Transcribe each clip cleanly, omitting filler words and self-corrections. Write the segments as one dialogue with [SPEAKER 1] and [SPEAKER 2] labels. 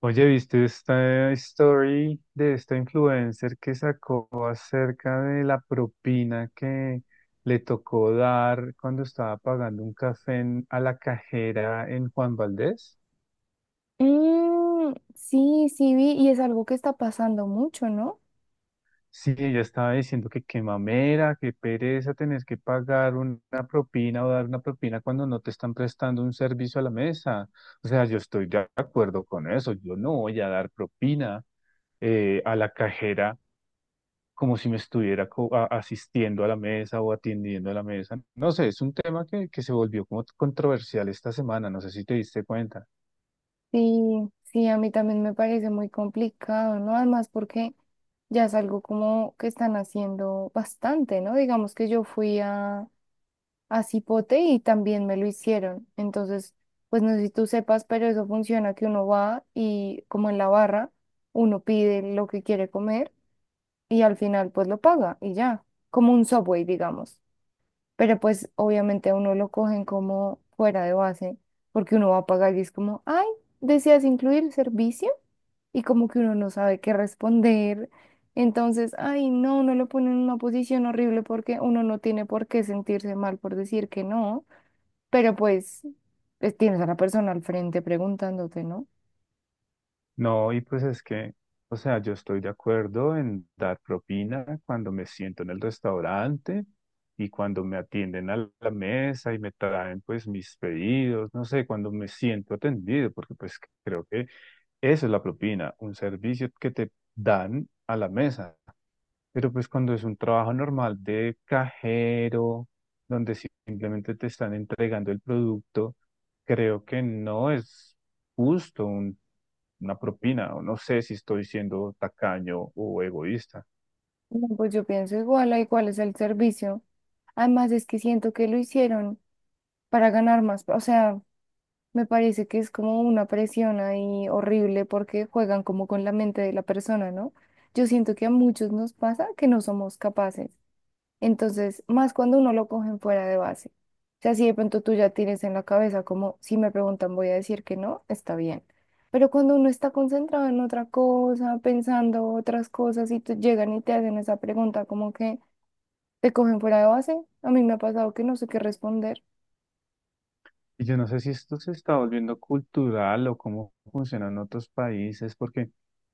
[SPEAKER 1] Oye, ¿viste esta story de esta influencer que sacó acerca de la propina que le tocó dar cuando estaba pagando un café a la cajera en Juan Valdez?
[SPEAKER 2] Sí, vi, y es algo que está pasando mucho, ¿no?
[SPEAKER 1] Sí, ella estaba diciendo que qué mamera, qué pereza tener que pagar una propina o dar una propina cuando no te están prestando un servicio a la mesa. O sea, yo estoy de acuerdo con eso, yo no voy a dar propina a la cajera como si me estuviera asistiendo a la mesa o atendiendo a la mesa. No sé, es un tema que se volvió como controversial esta semana, no sé si te diste cuenta.
[SPEAKER 2] Sí, sí, a mí también me parece muy complicado, ¿no? Además porque ya es algo como que están haciendo bastante, ¿no? Digamos que yo fui a Cipote y también me lo hicieron. Entonces, pues no sé si tú sepas, pero eso funciona que uno va y como en la barra, uno pide lo que quiere comer y al final pues lo paga y ya, como un Subway, digamos. Pero pues obviamente a uno lo cogen como fuera de base, porque uno va a pagar y es como, ay, ¿deseas incluir servicio? Y como que uno no sabe qué responder. Entonces, ay, no, uno lo pone en una posición horrible porque uno no tiene por qué sentirse mal por decir que no, pero pues tienes a la persona al frente preguntándote, ¿no?
[SPEAKER 1] No, y pues es que, o sea, yo estoy de acuerdo en dar propina cuando me siento en el restaurante y cuando me atienden a la mesa y me traen pues mis pedidos, no sé, cuando me siento atendido, porque pues creo que eso es la propina, un servicio que te dan a la mesa. Pero pues cuando es un trabajo normal de cajero, donde si, simplemente te están entregando el producto, creo que no es justo una propina, o no sé si estoy siendo tacaño o egoísta.
[SPEAKER 2] No, pues yo pienso igual, ay, ¿cuál es el servicio? Además es que siento que lo hicieron para ganar más, o sea, me parece que es como una presión ahí horrible porque juegan como con la mente de la persona, ¿no? Yo siento que a muchos nos pasa que no somos capaces. Entonces, más cuando uno lo cogen fuera de base. O sea, si de pronto tú ya tienes en la cabeza como, si me preguntan voy a decir que no, está bien. Pero cuando uno está concentrado en otra cosa, pensando otras cosas y te llegan y te hacen esa pregunta como que te cogen fuera de base, a mí me ha pasado que no sé qué responder.
[SPEAKER 1] Y yo no sé si esto se está volviendo cultural o cómo funciona en otros países, porque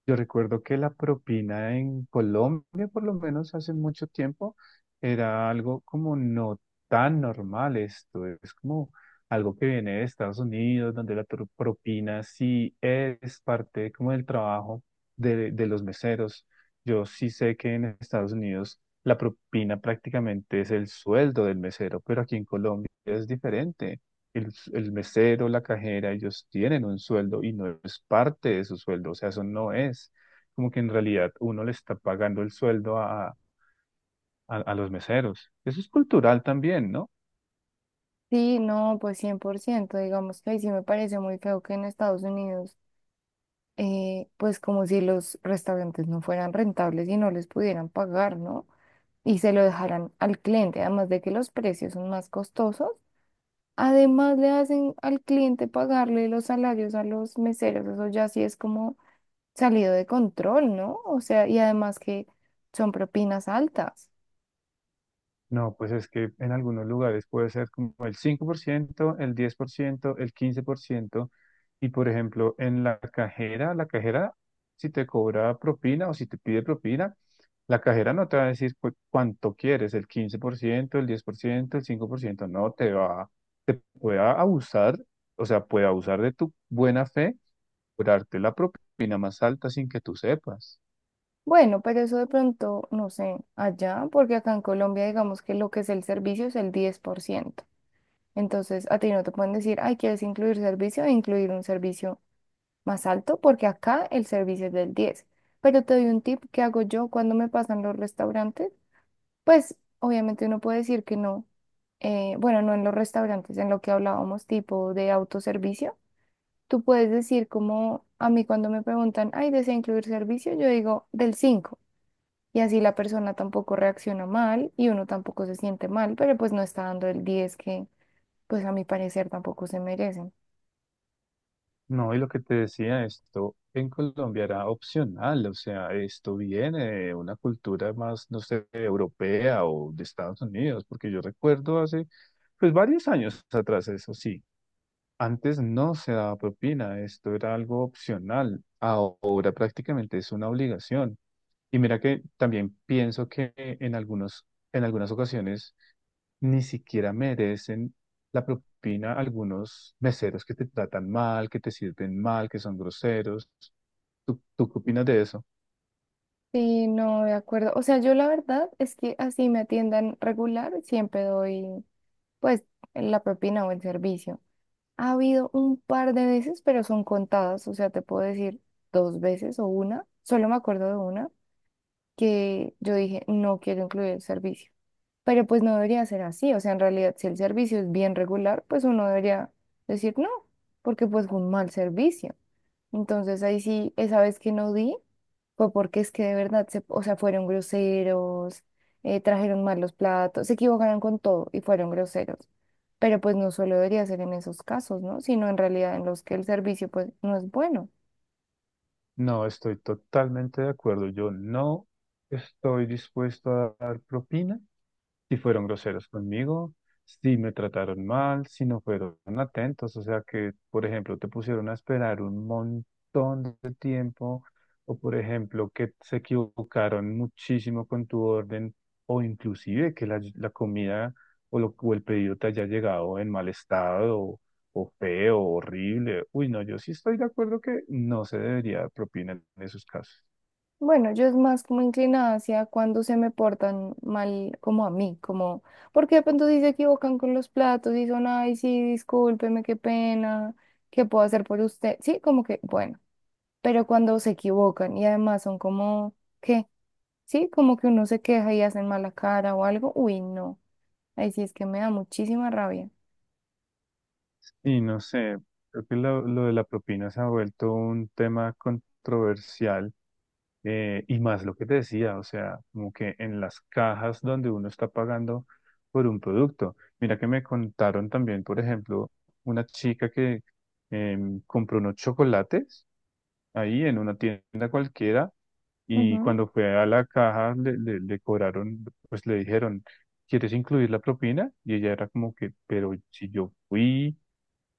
[SPEAKER 1] yo recuerdo que la propina en Colombia, por lo menos hace mucho tiempo, era algo como no tan normal esto. Es como algo que viene de Estados Unidos, donde la propina sí es parte como del trabajo de los meseros. Yo sí sé que en Estados Unidos la propina prácticamente es el sueldo del mesero, pero aquí en Colombia es diferente el mesero, la cajera, ellos tienen un sueldo y no es parte de su sueldo, o sea, eso no es como que en realidad uno le está pagando el sueldo a los meseros. Eso es cultural también, ¿no?
[SPEAKER 2] Sí, no, pues 100%, digamos que ahí sí me parece muy feo que en Estados Unidos, pues como si los restaurantes no fueran rentables y no les pudieran pagar, ¿no? Y se lo dejaran al cliente, además de que los precios son más costosos, además le hacen al cliente pagarle los salarios a los meseros, eso ya sí es como salido de control, ¿no? O sea, y además que son propinas altas.
[SPEAKER 1] No, pues es que en algunos lugares puede ser como el 5%, el 10%, el 15%. Y por ejemplo, en la cajera, si te cobra propina o si te pide propina, la cajera no te va a decir cuánto quieres, el 15%, el 10%, el 5%. No te va, pueda abusar, o sea, puede abusar de tu buena fe, por darte la propina más alta sin que tú sepas.
[SPEAKER 2] Bueno, pero eso de pronto, no sé, allá, porque acá en Colombia digamos que lo que es el servicio es el 10%. Entonces, a ti no te pueden decir, ay, ¿quieres incluir servicio? E incluir un servicio más alto, porque acá el servicio es del 10. Pero te doy un tip que hago yo cuando me pasan los restaurantes. Pues, obviamente uno puede decir que no. Bueno no en los restaurantes, en lo que hablábamos, tipo de autoservicio. Tú puedes decir como a mí cuando me preguntan, ay, ¿desea incluir servicio? Yo digo, del 5. Y así la persona tampoco reacciona mal y uno tampoco se siente mal, pero pues no está dando el 10 que pues a mi parecer tampoco se merecen.
[SPEAKER 1] No, y lo que te decía, esto en Colombia era opcional, o sea, esto viene de una cultura más, no sé, europea o de Estados Unidos, porque yo recuerdo hace, pues, varios años atrás, eso sí. Antes no se daba propina, esto era algo opcional, ahora prácticamente es una obligación. Y mira que también pienso que en algunos, en algunas ocasiones ni siquiera merecen la propina algunos meseros que te tratan mal, que te sirven mal, que son groseros. ¿Tú qué opinas de eso?
[SPEAKER 2] Sí, no, de acuerdo. O sea, yo la verdad es que así me atiendan regular, siempre doy pues la propina o el servicio. Ha habido un par de veces, pero son contadas, o sea, te puedo decir dos veces o una, solo me acuerdo de una que yo dije, no quiero incluir el servicio. Pero pues no debería ser así, o sea, en realidad si el servicio es bien regular, pues uno debería decir no, porque pues fue un mal servicio. Entonces ahí sí, esa vez que no di, fue porque es que de verdad, o sea, fueron groseros, trajeron mal los platos, se equivocaron con todo y fueron groseros. Pero pues no solo debería ser en esos casos, ¿no? Sino en realidad en los que el servicio pues no es bueno.
[SPEAKER 1] No, estoy totalmente de acuerdo. Yo no estoy dispuesto a dar propina si fueron groseros conmigo, si me trataron mal, si no fueron atentos, o sea que, por ejemplo, te pusieron a esperar un montón de tiempo, o por ejemplo, que se equivocaron muchísimo con tu orden, o inclusive que la comida o, lo, o el pedido te haya llegado en mal estado. O feo, horrible. Uy, no, yo sí estoy de acuerdo que no se debería dar propina en esos casos.
[SPEAKER 2] Bueno, yo es más como inclinada hacia cuando se me portan mal como a mí, como, porque de pronto si se equivocan con los platos y son, ay, sí, discúlpeme, qué pena, ¿qué puedo hacer por usted? Sí, como que, bueno, pero cuando se equivocan y además son como, ¿qué? Sí, como que uno se queja y hacen mala cara o algo, uy, no, ahí sí es que me da muchísima rabia.
[SPEAKER 1] Y no sé, creo que lo de la propina se ha vuelto un tema controversial y más lo que te decía, o sea, como que en las cajas donde uno está pagando por un producto. Mira que me contaron también, por ejemplo, una chica que compró unos chocolates ahí en una tienda cualquiera y
[SPEAKER 2] Ujú.
[SPEAKER 1] cuando fue a la caja, le cobraron, pues le dijeron, ¿quieres incluir la propina? Y ella era como que, pero si yo fui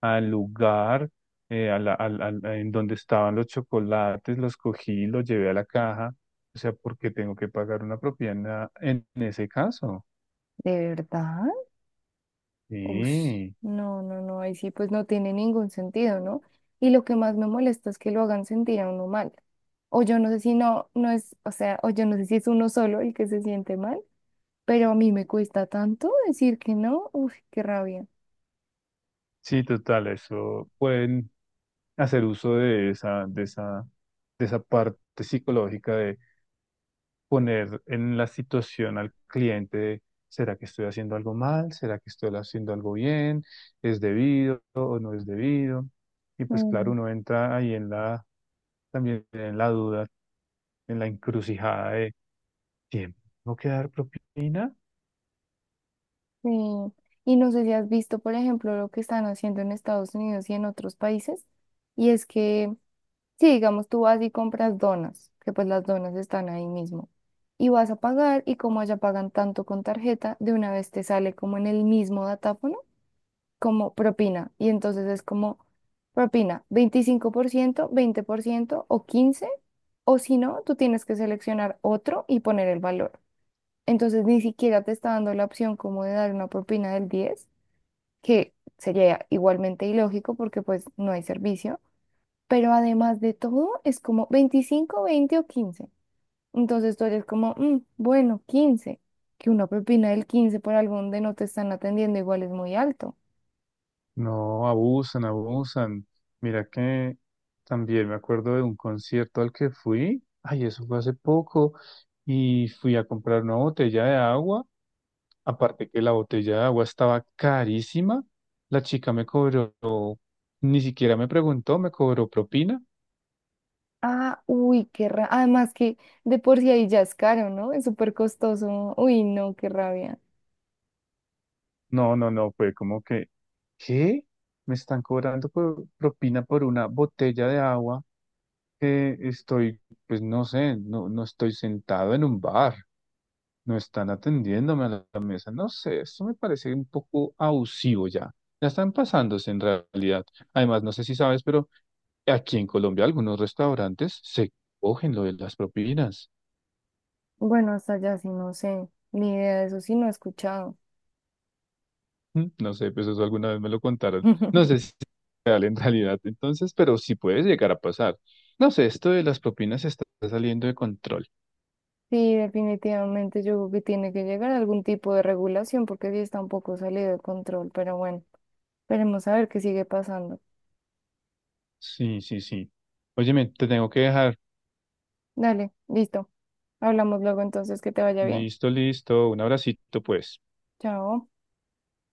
[SPEAKER 1] al lugar a la- al- al- a- en donde estaban los chocolates, los cogí, los llevé a la caja. O sea, ¿por qué tengo que pagar una propina en ese caso?
[SPEAKER 2] ¿De verdad? Uf,
[SPEAKER 1] Sí,
[SPEAKER 2] no, no, no, ahí sí pues no tiene ningún sentido, ¿no? Y lo que más me molesta es que lo hagan sentir a uno mal. O yo no sé si no es, o sea, o yo no sé si es uno solo el que se siente mal, pero a mí me cuesta tanto decir que no, uf, qué rabia.
[SPEAKER 1] sí, total, eso pueden hacer uso de esa, parte psicológica de poner en la situación al cliente de, ¿será que estoy haciendo algo mal? ¿Será que estoy haciendo algo bien? ¿Es debido o no es debido? Y pues claro,
[SPEAKER 2] Mm,
[SPEAKER 1] uno entra ahí en la, también en la duda, en la encrucijada de, ¿tiempo que dar propina?
[SPEAKER 2] sí. Y no sé si has visto, por ejemplo, lo que están haciendo en Estados Unidos y en otros países, y es que sí, digamos, tú vas y compras donas, que pues las donas están ahí mismo. Y vas a pagar y como allá pagan tanto con tarjeta, de una vez te sale como en el mismo datáfono, como propina. Y entonces es como propina, 25%, 20% o 15%, o si no, tú tienes que seleccionar otro y poner el valor. Entonces ni siquiera te está dando la opción como de dar una propina del 10, que sería igualmente ilógico porque pues no hay servicio, pero además de todo, es como 25, 20 o 15. Entonces tú eres como, "Mm, bueno, 15". Que una propina del 15 por algo donde no te están atendiendo igual es muy alto.
[SPEAKER 1] No, abusan, abusan. Mira que también me acuerdo de un concierto al que fui, ay, eso fue hace poco, y fui a comprar una botella de agua. Aparte que la botella de agua estaba carísima, la chica me cobró, ni siquiera me preguntó, me cobró propina.
[SPEAKER 2] Ah, uy, qué rabia. Además que de por sí ahí ya es caro, ¿no? Es súper costoso. Uy, no, qué rabia.
[SPEAKER 1] No, no, no, fue como que, ¿qué? Me están cobrando propina por una botella de agua que estoy, pues no sé, no, no estoy sentado en un bar, no están atendiéndome a la mesa, no sé, esto me parece un poco abusivo ya. Ya están pasándose en realidad. Además, no sé si sabes, pero aquí en Colombia algunos restaurantes se cogen lo de las propinas.
[SPEAKER 2] Bueno, hasta allá sí no sé. Ni idea, de eso sí no he escuchado.
[SPEAKER 1] Mm, no sé, pues eso alguna vez me lo contaron. No sé si es real en realidad entonces, pero sí puede llegar a pasar. No sé, esto de las propinas está saliendo de control.
[SPEAKER 2] Sí, definitivamente yo creo que tiene que llegar algún tipo de regulación porque sí está un poco salido de control. Pero bueno, esperemos a ver qué sigue pasando.
[SPEAKER 1] Sí, sí, sí. Óyeme, te tengo que dejar.
[SPEAKER 2] Dale, listo. Hablamos luego entonces, que te vaya bien.
[SPEAKER 1] Listo, listo. Un abracito, pues.
[SPEAKER 2] Chao.